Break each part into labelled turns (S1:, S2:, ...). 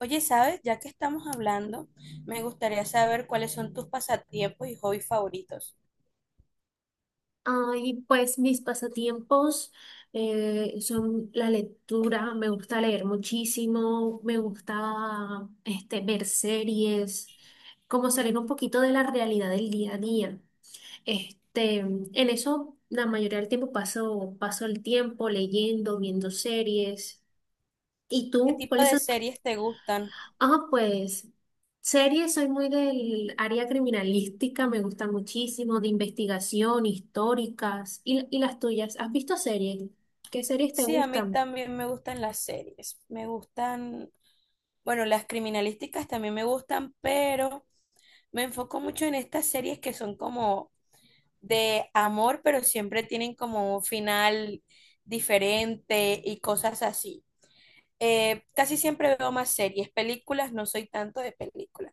S1: Oye, ¿sabes? Ya que estamos hablando, me gustaría saber cuáles son tus pasatiempos y hobbies favoritos.
S2: Ay, pues mis pasatiempos son la lectura, me gusta leer muchísimo, me gusta ver series, como salir un poquito de la realidad del día a día. En eso la mayoría del tiempo paso el tiempo leyendo, viendo series. ¿Y
S1: ¿Qué
S2: tú?
S1: tipo
S2: ¿Cuáles
S1: de
S2: son?
S1: series te gustan?
S2: Ah, pues series, soy muy del área criminalística, me gustan muchísimo, de investigación, históricas. ¿Y las tuyas? ¿Has visto series? ¿Qué series te
S1: Sí, a
S2: gustan?
S1: mí también me gustan las series. Me gustan, bueno, las criminalísticas también me gustan, pero me enfoco mucho en estas series que son como de amor, pero siempre tienen como un final diferente y cosas así. Casi siempre veo más series, películas, no soy tanto de películas.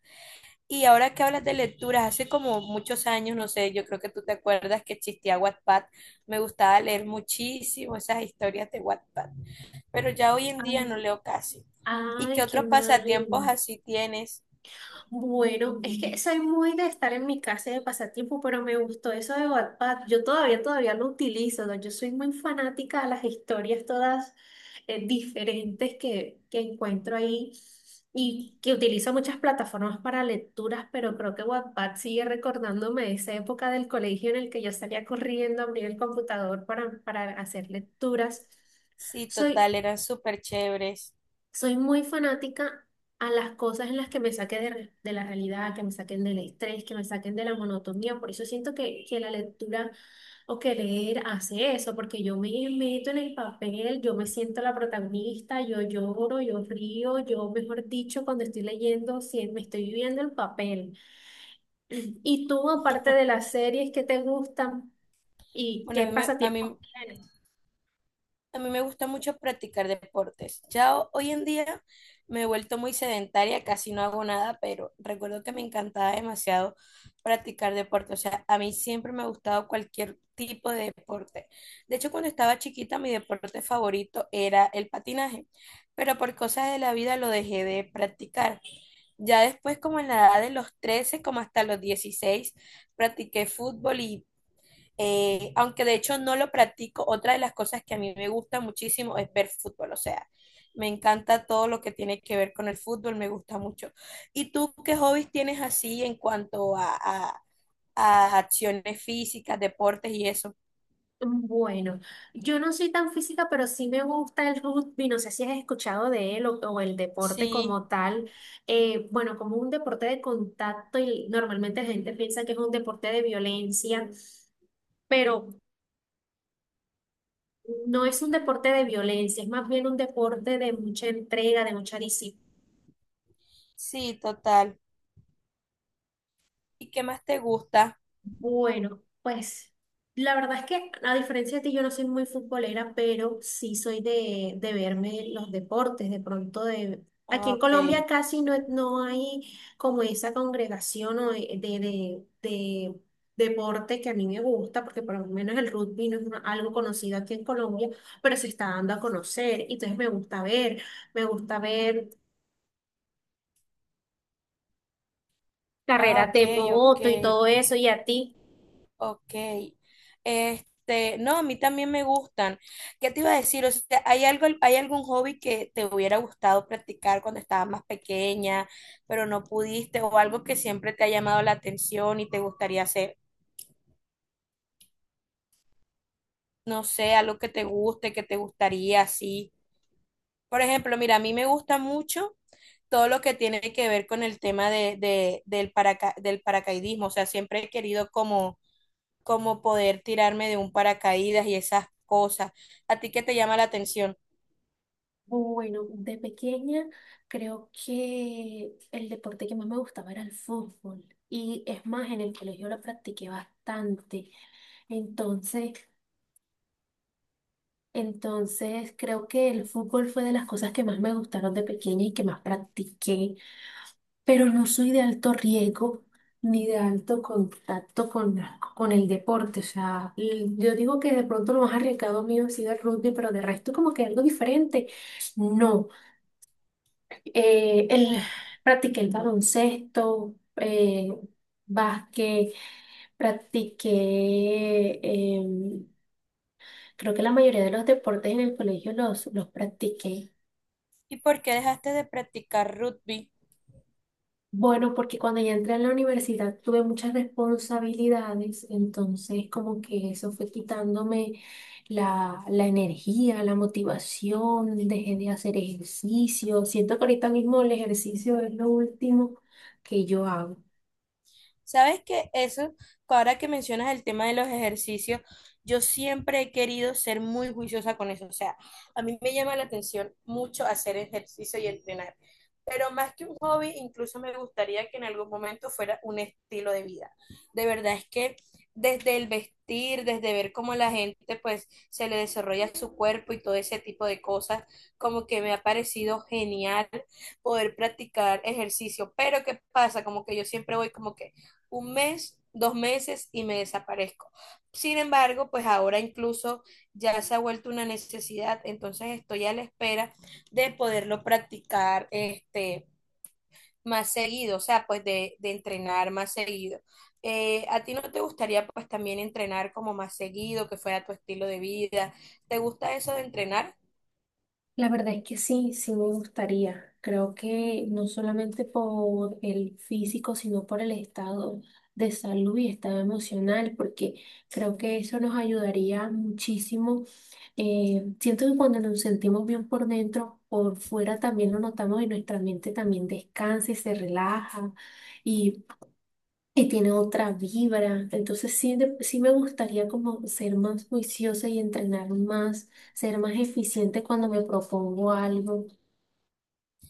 S1: Y ahora que hablas de lecturas, hace como muchos años, no sé, yo creo que tú te acuerdas que existía Wattpad. Me gustaba leer muchísimo esas historias de Wattpad, pero ya hoy en
S2: Ah,
S1: día no leo casi. ¿Y qué
S2: ay, qué
S1: otros pasatiempos
S2: mal.
S1: así tienes?
S2: Bueno, es que soy muy de estar en mi casa y de pasatiempo, pero me gustó eso de Wattpad. Yo todavía lo utilizo, ¿no? Yo soy muy fanática de las historias todas diferentes que encuentro ahí y que utilizo muchas plataformas para lecturas, pero creo que Wattpad sigue recordándome esa época del colegio en el que yo salía corriendo a abrir el computador para hacer lecturas.
S1: Sí,
S2: Soy
S1: total, eran súper chéveres.
S2: Soy muy fanática a las cosas en las que me saquen de, de la realidad, que me saquen del estrés, que me saquen de la monotonía. Por eso siento que la lectura o que leer hace eso, porque yo me meto en el papel, yo me siento la protagonista, yo lloro, yo río, yo, mejor dicho, cuando estoy leyendo, sí, me estoy viviendo el papel. Y tú, aparte de las series que te gustan y
S1: Bueno, a
S2: qué
S1: mí, me- a
S2: pasatiempos.
S1: mí A mí me gusta mucho practicar deportes. Hoy en día me he vuelto muy sedentaria, casi no hago nada, pero recuerdo que me encantaba demasiado practicar deporte. O sea, a mí siempre me ha gustado cualquier tipo de deporte. De hecho, cuando estaba chiquita, mi deporte favorito era el patinaje, pero por cosas de la vida lo dejé de practicar. Ya después, como en la edad de los 13 como hasta los 16 practiqué fútbol y aunque de hecho no lo practico, otra de las cosas que a mí me gusta muchísimo es ver fútbol, o sea, me encanta todo lo que tiene que ver con el fútbol, me gusta mucho. ¿Y tú qué hobbies tienes así en cuanto a, a acciones físicas, deportes y eso?
S2: Bueno, yo no soy tan física, pero sí me gusta el rugby. No sé si has escuchado de él o el deporte
S1: Sí,
S2: como tal. Bueno, como un deporte de contacto y normalmente la gente piensa que es un deporte de violencia, pero no es un deporte de violencia, es más bien un deporte de mucha entrega, de mucha disciplina.
S1: sí, total. ¿Y qué más te gusta?
S2: Bueno, pues la verdad es que a diferencia de ti yo no soy muy futbolera, pero sí soy de verme los deportes, de pronto de... Aquí
S1: Ah,
S2: en
S1: ok.
S2: Colombia casi no hay como esa congregación o de deporte que a mí me gusta, porque por lo menos el rugby no es algo conocido aquí en Colombia, pero se está dando a conocer, y entonces me gusta ver
S1: Ah,
S2: carreras
S1: ok,
S2: de
S1: ok.
S2: moto y todo eso, ¿y a ti?
S1: Ok. Este, no, a mí también me gustan. ¿Qué te iba a decir? O sea, ¿hay algo, hay algún hobby que te hubiera gustado practicar cuando estabas más pequeña, pero no pudiste, o algo que siempre te ha llamado la atención y te gustaría hacer? No sé, algo que te guste, que te gustaría, así. Por ejemplo, mira, a mí me gusta mucho todo lo que tiene que ver con el tema de, del del paracaidismo. O sea, siempre he querido como poder tirarme de un paracaídas y esas cosas. ¿A ti qué te llama la atención?
S2: Bueno, de pequeña creo que el deporte que más me gustaba era el fútbol y es más, en el colegio lo practiqué bastante. Entonces, entonces creo que el fútbol fue de las cosas que más me gustaron de pequeña y que más practiqué, pero no soy de alto riesgo ni de alto contacto con, con el deporte. O sea, yo digo que de pronto lo más arriesgado mío ha sido el rugby, pero de resto como que algo diferente. No. Eh, el,
S1: Ah.
S2: Practiqué el baloncesto, básquet, practiqué, em, creo que la mayoría de los deportes en el colegio los practiqué.
S1: ¿Y por qué dejaste de practicar rugby?
S2: Bueno, porque cuando ya entré a la universidad tuve muchas responsabilidades, entonces como que eso fue quitándome la energía, la motivación, dejé de hacer ejercicio. Siento que ahorita mismo el ejercicio es lo último que yo hago.
S1: ¿Sabes qué? Eso, ahora que mencionas el tema de los ejercicios, yo siempre he querido ser muy juiciosa con eso. O sea, a mí me llama la atención mucho hacer ejercicio y entrenar. Pero más que un hobby, incluso me gustaría que en algún momento fuera un estilo de vida. De verdad es que desde el vestir, desde ver cómo la gente pues se le desarrolla su cuerpo y todo ese tipo de cosas, como que me ha parecido genial poder practicar ejercicio. Pero ¿qué pasa? Como que yo siempre voy como que un mes, dos meses y me desaparezco. Sin embargo, pues ahora incluso ya se ha vuelto una necesidad, entonces estoy a la espera de poderlo practicar este, más seguido, o sea, pues de entrenar más seguido. ¿A ti no te gustaría pues también entrenar como más seguido, que fuera tu estilo de vida? ¿Te gusta eso de entrenar?
S2: La verdad es que sí, sí me gustaría. Creo que no solamente por el físico, sino por el estado de salud y estado emocional, porque creo que eso nos ayudaría muchísimo. Siento que cuando nos sentimos bien por dentro, por fuera también lo notamos y nuestra mente también descansa y se relaja y tiene otra vibra. Entonces sí, sí me gustaría como ser más juiciosa y entrenar más, ser más eficiente cuando me propongo algo.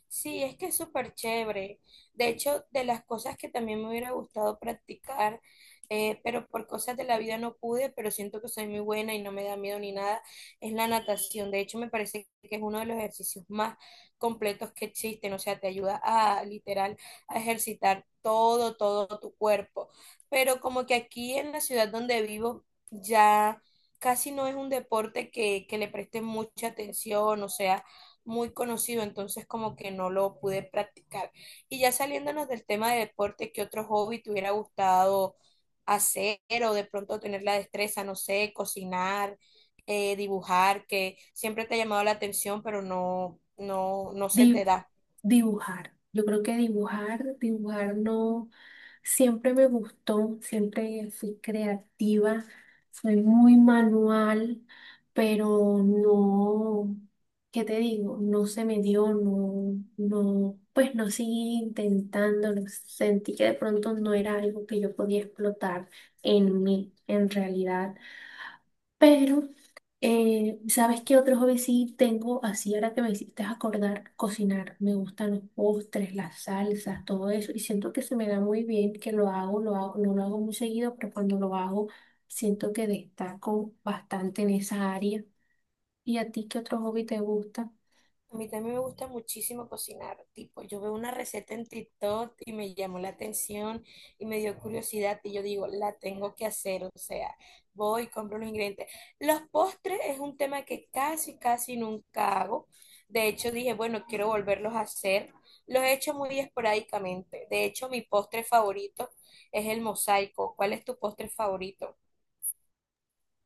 S1: Sí, es que es súper chévere. De hecho, de las cosas que también me hubiera gustado practicar, pero por cosas de la vida no pude, pero siento que soy muy buena y no me da miedo ni nada, es la natación. De hecho, me parece que es uno de los ejercicios más completos que existen. O sea, te ayuda a literal a ejercitar todo tu cuerpo. Pero como que aquí en la ciudad donde vivo ya... Casi no es un deporte que le preste mucha atención, o sea, muy conocido, entonces como que no lo pude practicar. Y ya saliéndonos del tema de deporte, ¿qué otro hobby te hubiera gustado hacer o de pronto tener la destreza, no sé, cocinar, dibujar, que siempre te ha llamado la atención, pero no se
S2: Di-
S1: te da?
S2: Dibujar. Yo creo que dibujar no siempre me gustó, siempre fui creativa, soy muy manual, pero no, ¿qué te digo? No se me dio, no, no, pues no seguí intentando, sentí que de pronto no era algo que yo podía explotar en mí, en realidad. Pero, ¿sabes qué otro hobby sí tengo? Así ahora que me hiciste acordar, cocinar. Me gustan los postres, las salsas, todo eso. Y siento que se me da muy bien, que lo hago, no lo hago muy seguido, pero cuando lo hago, siento que destaco bastante en esa área. ¿Y a ti qué otro hobby te gusta?
S1: A mí también me gusta muchísimo cocinar, tipo, yo veo una receta en TikTok y me llamó la atención y me dio curiosidad y yo digo, la tengo que hacer, o sea, voy, compro los ingredientes. Los postres es un tema que casi nunca hago. De hecho, dije, bueno, quiero volverlos a hacer. Los he hecho muy esporádicamente. De hecho, mi postre favorito es el mosaico. ¿Cuál es tu postre favorito?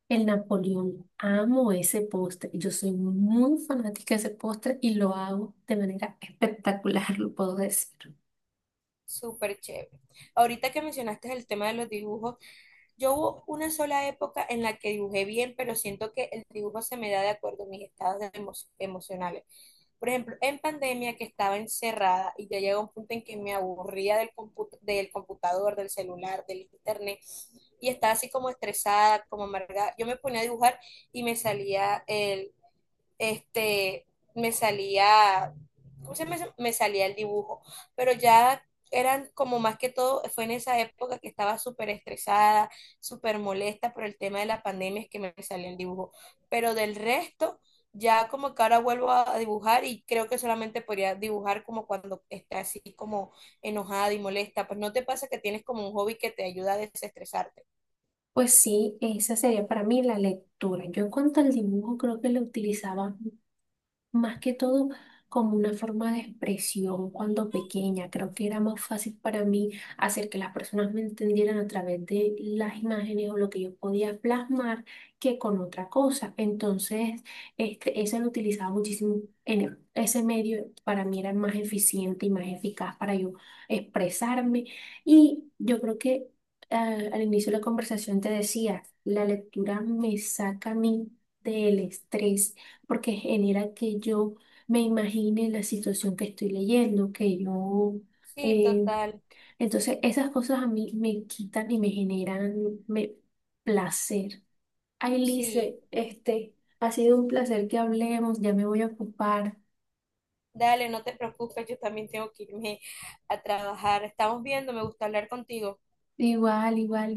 S2: El Napoleón. Amo ese postre. Yo soy muy fanática de ese postre y lo hago de manera espectacular, lo puedo decir.
S1: Súper chévere. Ahorita que mencionaste el tema de los dibujos, yo hubo una sola época en la que dibujé bien, pero siento que el dibujo se me da de acuerdo a mis estados de emocionales. Por ejemplo, en pandemia que estaba encerrada y ya llegó un punto en que me aburría del del computador, del celular, del internet y estaba así como estresada, como amargada. Yo me ponía a dibujar y me salía este, me salía, ¿cómo se llama eso? Me salía el dibujo, pero ya eran como más que todo, fue en esa época que estaba súper estresada, súper molesta por el tema de la pandemia, es que me salía el dibujo, pero del resto, ya como que ahora vuelvo a dibujar y creo que solamente podría dibujar como cuando está así como enojada y molesta, pues no te pasa que tienes como un hobby que te ayuda a desestresarte.
S2: Pues sí, esa sería para mí la lectura. Yo en cuanto al dibujo creo que lo utilizaba. Más que todo como una forma de expresión cuando pequeña. Creo que era más fácil para mí hacer que las personas me entendieran a través de las imágenes o lo que yo podía plasmar que con otra cosa. Entonces, eso lo utilizaba muchísimo en ese medio. Para mí era más eficiente y más eficaz para yo expresarme. Y yo creo que al inicio de la conversación te decía, la lectura me saca a mí del estrés porque genera que yo me imagine la situación que estoy leyendo, que yo...
S1: Sí,
S2: eh,
S1: total,
S2: entonces esas cosas a mí me quitan y me generan me- placer. Ay,
S1: sí.
S2: Lice, ha sido un placer que hablemos, ya me voy a ocupar.
S1: Dale, no te preocupes, yo también tengo que irme a trabajar. Estamos viendo, me gusta hablar contigo.
S2: Igual, igual.